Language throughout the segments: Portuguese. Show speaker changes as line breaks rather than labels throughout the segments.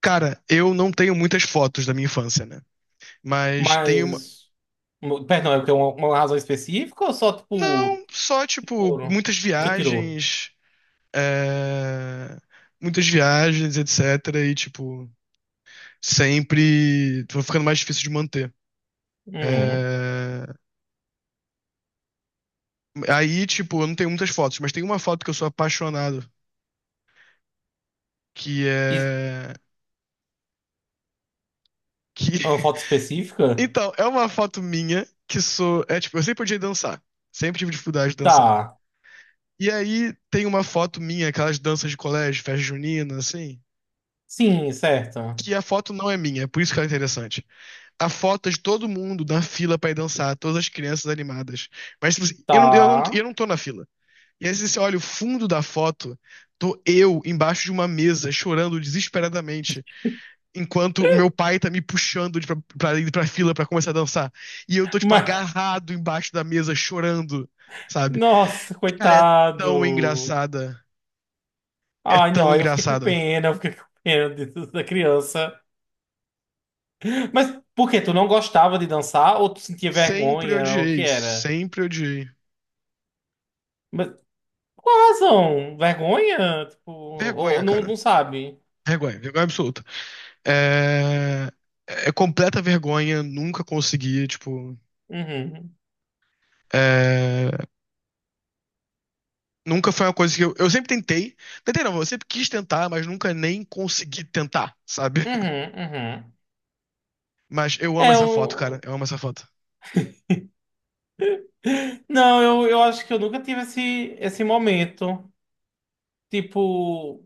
Cara, eu não tenho muitas fotos da minha infância, né? Mas tenho uma.
Mas. Perdão, é porque tem uma razão específica ou só tipo.
Não, só, tipo,
Foram.
muitas
O que tirou.
viagens. é, Muitas viagens, etc. E, tipo, sempre. Tô ficando mais difícil de manter.
Uhum.
É, Aí, tipo, eu não tenho muitas fotos, mas tem uma foto que eu sou apaixonado, que
E
é. Que...
uma foto específica?
Então, é uma foto minha que sou. É, tipo, eu sempre odiei dançar. Sempre tive dificuldade de dançar.
Tá.
E aí tem uma foto minha, aquelas danças de colégio, festa junina, assim,
Sim, certa.
que a foto não é minha, é por isso que ela é interessante. A foto é de todo mundo na fila pra ir dançar, todas as crianças animadas. Mas tipo assim, eu não, eu não,
Tá.
eu não tô na fila. E aí você olha o fundo da foto, tô eu embaixo de uma mesa, chorando desesperadamente, enquanto o meu pai tá me puxando pra ir pra fila pra começar a dançar. E eu tô, tipo,
Mas.
agarrado embaixo da mesa, chorando, sabe?
Nossa,
Cara, é tão
coitado.
engraçada. É
Ai, não,
tão
aí eu fiquei com
engraçada.
pena, disso, da criança. Mas por quê? Tu não gostava de dançar ou tu sentia
Sempre
vergonha? O que
odiei,
era?
sempre odiei.
Mas qual a razão? Vergonha? Tipo, ou
Vergonha,
não,
cara.
não sabe?
Vergonha, vergonha absoluta. É, é completa vergonha, nunca consegui, tipo.
Uhum.
é, Nunca foi uma coisa que eu. Eu sempre tentei. Tentei não, eu sempre quis tentar, mas nunca nem consegui tentar, sabe?
Uhum, uhum.
Mas eu amo
É,
essa foto, cara.
eu...
Eu amo essa foto.
Não, eu acho que eu nunca tive esse, esse momento. Tipo,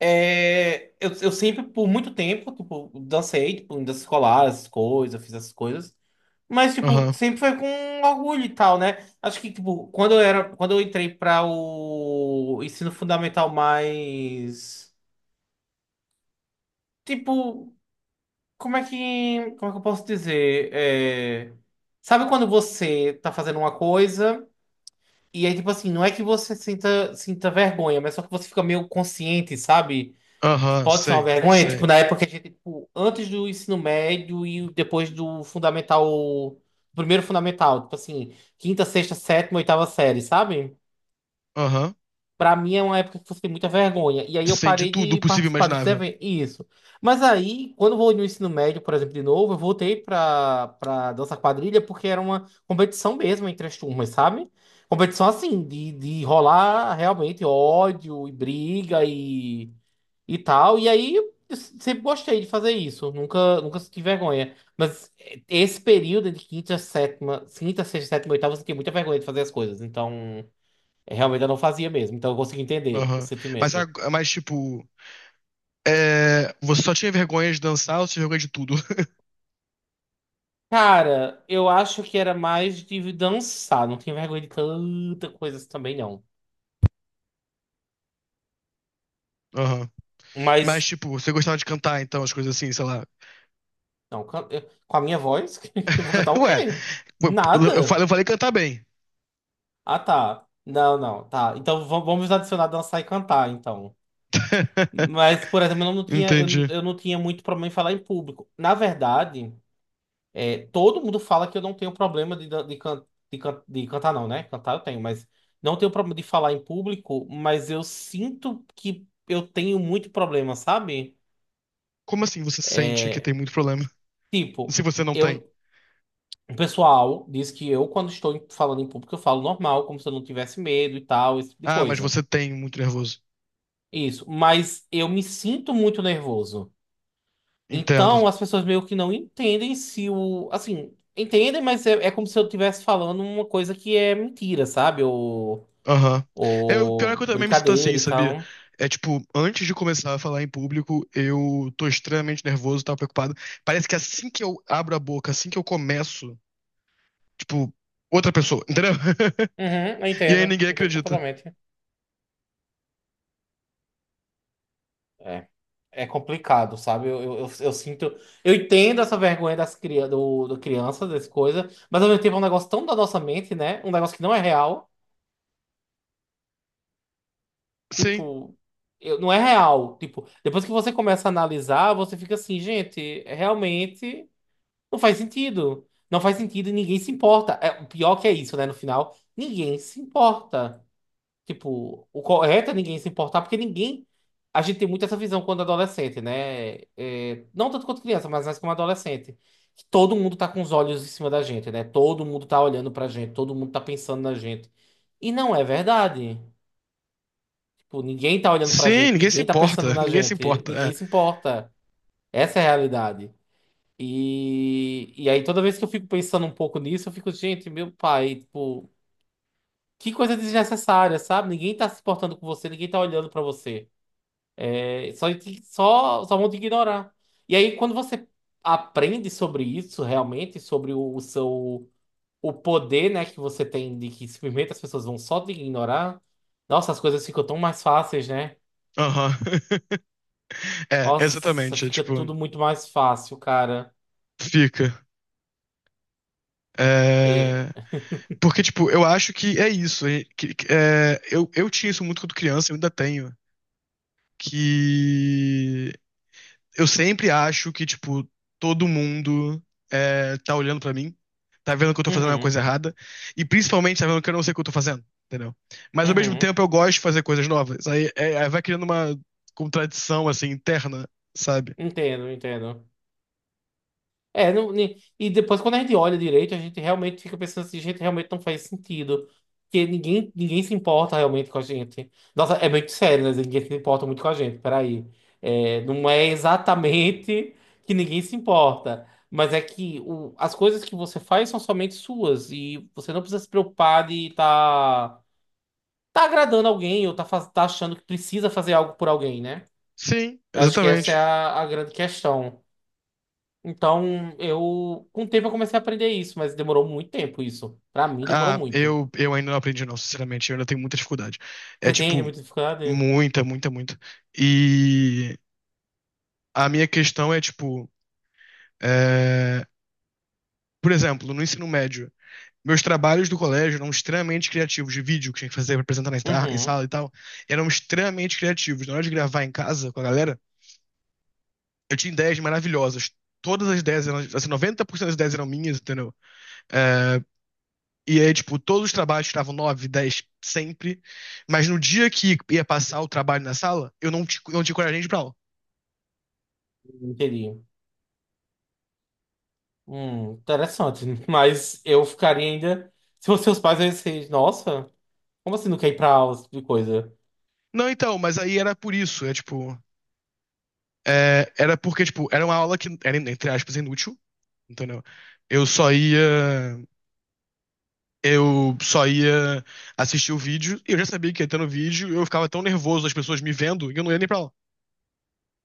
é... eu sempre, por muito tempo, tipo, dancei, tipo, em dança escolar, essas coisas, fiz essas coisas. Mas, tipo,
Aham,
sempre foi com orgulho e tal, né? Acho que, tipo, quando eu entrei para o ensino fundamental mais... Tipo, como é que eu posso dizer? É... Sabe quando você tá fazendo uma coisa... E aí, tipo assim, não é que você sinta, sinta vergonha, mas só que você fica meio consciente, sabe? Que
aham,
pode ser uma
sei,
vergonha.
sei.
Tipo, na época que a gente, tipo, antes do ensino médio e depois do fundamental, primeiro fundamental, tipo assim, quinta, sexta, sétima, oitava série, sabe?
Aham.
Pra mim é uma época que você tem muita vergonha. E aí eu
Sim, de
parei
tudo
de
possível e
participar desses
imaginável.
eventos. Isso. Mas aí, quando eu vou no ensino médio, por exemplo, de novo, eu voltei pra dança quadrilha porque era uma competição mesmo entre as turmas, sabe? Competição assim, de rolar realmente ódio e briga e tal. E aí eu sempre gostei de fazer isso. Nunca senti vergonha. Mas esse período de quinta, sétima, quinta, sexta, sétima, oitava, eu senti muita vergonha de fazer as coisas. Então. Realmente eu não fazia mesmo, então eu consigo entender o
Aham. Mas,
sentimento.
ag- mas, tipo. Você só tinha vergonha de dançar ou você tinha vergonha de tudo?
Cara, eu acho que era mais de dançar, não tinha vergonha de tanta coisa assim também, não.
Aham. Mas,
Mas,
tipo, você gostava de cantar, então, as coisas assim, sei lá.
não, com a minha voz, eu vou cantar o
Ué,
quê?
eu falei,
Nada.
eu falei cantar bem.
Ah, tá. Não, não, tá. Então vamos adicionar dançar e cantar, então. Mas, por exemplo,
Entendi.
eu não tinha muito problema em falar em público. Na verdade. É, todo mundo fala que eu não tenho problema de, de cantar, não, né? Cantar eu tenho, mas não tenho problema de falar em público, mas eu sinto que eu tenho muito problema, sabe?
Como assim você sente que
É,
tem muito problema?
tipo,
Se você não tem.
eu, o pessoal diz que eu, falando em público, eu falo normal, como se eu não tivesse medo e tal, esse tipo de
Ah, mas
coisa.
você tem muito nervoso.
Isso, mas eu me sinto muito nervoso.
Entendo.
Então, as pessoas meio que não entendem se o. Assim, entendem, mas é como se eu estivesse falando uma coisa que é mentira, sabe?
Aham. Eu, pior é que eu
Ou
também me sinto assim,
brincadeira e
sabia?
tal.
É tipo, antes de começar a falar em público, eu tô extremamente nervoso, tava preocupado. Parece que assim que eu abro a boca, assim que eu começo, tipo, outra pessoa, entendeu?
Uhum,
E aí ninguém
entendo
acredita.
completamente. É, é complicado, sabe? Eu sinto. Eu entendo essa vergonha do crianças, dessas coisas, mas ao mesmo tempo é um negócio tão da nossa mente, né? Um negócio que não é real.
Sim.
Tipo, não é real. Tipo, depois que você começa a analisar, você fica assim, gente, é, realmente não faz sentido. Não faz sentido e ninguém se importa. É, o pior que é isso, né? No final, ninguém se importa. Tipo, o correto é ninguém se importar, porque ninguém. A gente tem muito essa visão quando adolescente, né? É, não tanto quanto criança, mas mais como adolescente. Que todo mundo tá com os olhos em cima da gente, né? Todo mundo tá olhando pra gente, todo mundo tá pensando na gente. E não é verdade. Tipo, ninguém tá olhando pra
Sim,
gente,
ninguém se
ninguém tá pensando
importa.
na
Ninguém se
gente,
importa.
ninguém se importa. Essa é a realidade. E aí, toda vez que eu fico pensando um pouco nisso, eu fico, gente, meu pai, tipo, que coisa desnecessária, sabe? Ninguém tá se importando com você, ninguém tá olhando pra você. É, só, só, só vão te ignorar. E aí, quando você aprende sobre isso, realmente, sobre o seu o poder, né, que você tem de que simplesmente as pessoas vão só te ignorar, nossa, as coisas ficam tão mais fáceis, né?
Aham. é
Nossa,
exatamente. É,
fica
tipo,
tudo muito mais fácil, cara.
fica.
É,
É, porque, tipo, eu acho que é isso. Eu tinha isso muito quando criança, eu ainda tenho. Que eu sempre acho que, tipo, todo mundo tá olhando pra mim, tá vendo que eu tô fazendo uma
uhum,
coisa errada, e principalmente tá vendo que eu não sei o que eu tô fazendo, entendeu? Mas ao mesmo
uhum,
tempo eu gosto de fazer coisas novas. Aí, vai criando uma contradição, assim, interna, sabe?
entendo, entendo. É, e depois quando a gente olha direito, a gente realmente fica pensando assim, gente, realmente não faz sentido. Porque ninguém se importa realmente com a gente. Nossa, é muito sério, né? Ninguém se importa muito com a gente, peraí. É, não é exatamente que ninguém se importa, mas é que as coisas que você faz são somente suas e você não precisa se preocupar de estar tá agradando alguém ou tá, tá achando que precisa fazer algo por alguém, né?
Sim,
Eu acho que essa é
exatamente.
a grande questão. Então, eu, com o tempo eu comecei a aprender isso, mas demorou muito tempo isso. Pra mim, demorou
Ah,
muito.
eu ainda não aprendi, não, sinceramente. Eu ainda tenho muita dificuldade. É
Você tem
tipo,
muita dificuldade?
muita, muita, muita. E a minha questão é, tipo, é, por exemplo, no ensino médio, meus trabalhos do colégio eram extremamente criativos, de vídeo que tinha que fazer pra apresentar na em
Uhum,
sala e tal, eram extremamente criativos. Na hora de gravar em casa com a galera, eu tinha ideias maravilhosas. Todas as ideias eram, assim, 90% das ideias eram minhas, entendeu? É, E aí, tipo, todos os trabalhos estavam 9 10 sempre. Mas no dia que ia passar o trabalho na sala, eu não tinha coragem de ir pra aula.
entendi. Interessante. Mas eu ficaria ainda. Se fossem seus pais, eu ia ser, nossa, como assim não quer ir pra aula, esse tipo de coisa?
Não, então, mas aí era por isso. É tipo. Era porque, tipo, era uma aula que era, entre aspas, inútil. Entendeu? Eu só ia. Eu só ia assistir o vídeo. E eu já sabia que ia ter no vídeo. Eu ficava tão nervoso, as pessoas me vendo, que eu não ia nem pra aula.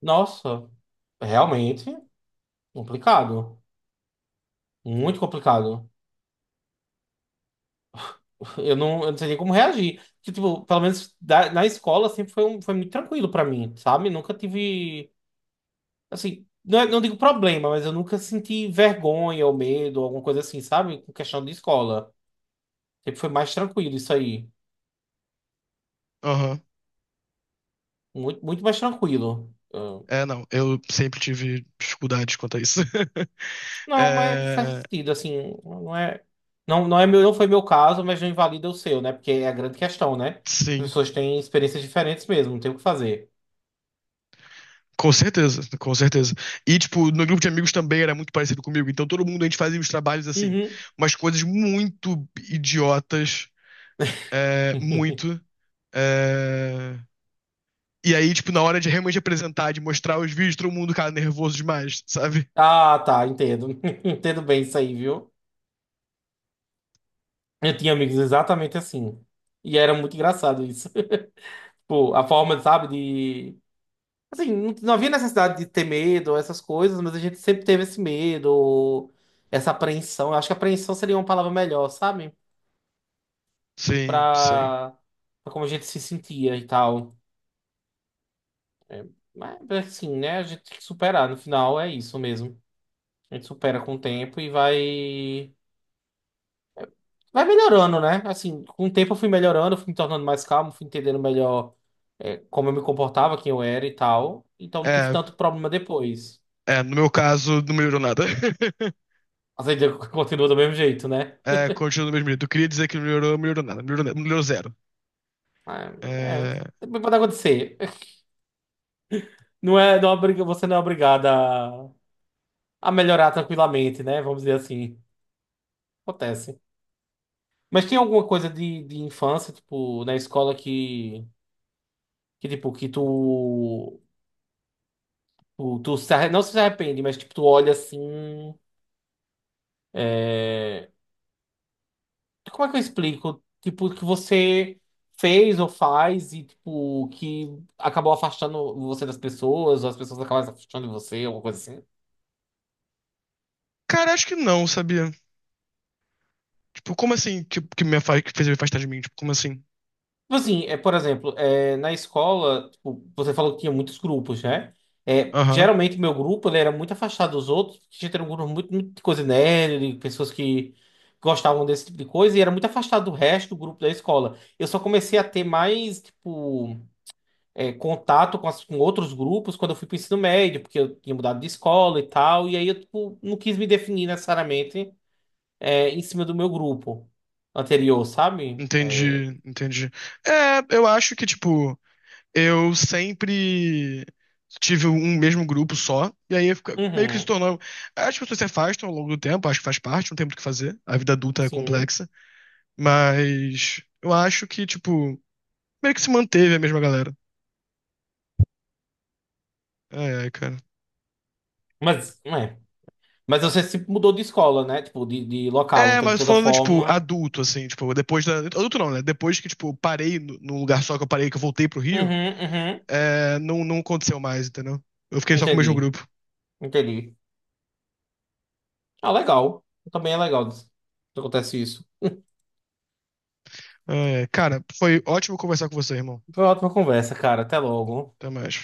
Nossa, realmente complicado. Muito complicado. Eu não sei nem como reagir. Que, tipo, pelo menos na escola sempre foi, foi muito tranquilo pra mim, sabe? Nunca tive. Assim, não, não digo problema, mas eu nunca senti vergonha ou medo, alguma coisa assim, sabe? Com questão de escola. Sempre foi mais tranquilo isso aí.
Aham.
Muito, muito mais tranquilo. Ah,
É, não. Eu sempre tive dificuldades quanto a isso.
não, mas faz
É,
sentido, assim, não é. Não, não é meu, não foi meu caso, mas não invalida o seu, né? Porque é a grande questão, né? As
sim.
pessoas têm experiências diferentes mesmo, não tem o que fazer.
Com certeza, com certeza. E, tipo, no grupo de amigos também era muito parecido comigo. Então, todo mundo, a gente fazia os trabalhos assim.
Uhum.
Umas coisas muito idiotas, muito. é, E aí, tipo, na hora de realmente apresentar, de mostrar os vídeos, todo mundo cara nervoso demais, sabe?
Ah, tá, entendo. Entendo bem isso aí, viu? Eu tinha amigos exatamente assim. E era muito engraçado isso. Tipo, a forma, sabe, de assim, não, não havia necessidade de ter medo, essas coisas, mas a gente sempre teve esse medo, essa apreensão. Eu acho que apreensão seria uma palavra melhor, sabe?
Sim, sim.
Pra, pra como a gente se sentia e tal. Mas, assim, né? A gente tem que superar. No final, é isso mesmo. A gente supera com o tempo e vai. Vai melhorando, né? Assim, com o tempo eu fui melhorando, fui me tornando mais calmo, fui entendendo melhor, é, como eu me comportava, quem eu era e tal. Então não tive
É,
tanto problema depois.
é, no meu caso, não melhorou nada.
Mas ainda continua do mesmo jeito, né?
É, continua no mesmo jeito. Eu queria dizer que não melhorou, não melhorou nada. Melhorou, melhorou zero.
É,
É,
pode acontecer. Não é, você não é obrigada a, a melhorar tranquilamente, né? Vamos dizer assim. Acontece. Mas tem alguma coisa de infância, tipo, na escola que tipo, tu se arre- não se arrepende, mas tipo, tu olha assim. É, Como é que eu explico? Tipo, que você fez ou faz e, tipo, que acabou afastando você das pessoas, ou as pessoas acabaram se afastando de você, alguma coisa assim.
Cara, acho que não, sabia? Tipo, como assim que me afasta, que fez me afastar de mim? Tipo, como assim?
Tipo assim, é, por exemplo, é, na escola, tipo, você falou que tinha muitos grupos, né? É,
Aham,
geralmente, meu grupo ele era muito afastado dos outros, porque a gente era um grupo muito, muito de coisa nerd, de pessoas que gostavam desse tipo de coisa, e era muito afastado do resto do grupo da escola. Eu só comecei a ter mais, tipo, é, contato com, com outros grupos quando eu fui pro ensino médio, porque eu tinha mudado de escola e tal, e aí eu, tipo, não quis me definir necessariamente, é, em cima do meu grupo anterior, sabe?
entendi, entendi. É, eu acho que, tipo, eu sempre tive um mesmo grupo só, e aí meio que se
Uhum,
tornou. As pessoas se afastam ao longo do tempo, acho que faz parte, não tem muito o que fazer. A vida adulta é
sim.
complexa, mas eu acho que, tipo, meio que se manteve a mesma galera. É, ai, cara.
Mas, é. Mas você se mudou de escola, né? Tipo, de local.
É,
Então, de
mas
toda
falando, tipo,
forma.
adulto, assim, tipo, depois da. Adulto não, né? Depois que, tipo, eu parei num lugar só que eu parei, que eu voltei pro Rio,
Uhum, uhum.
não, não aconteceu mais, entendeu? Eu fiquei só com o mesmo
Entendi.
grupo.
Entendi. Ah, legal. Também é legal que acontece isso.
É, cara, foi ótimo conversar com você, irmão.
Foi uma ótima conversa, cara. Até logo.
Até mais.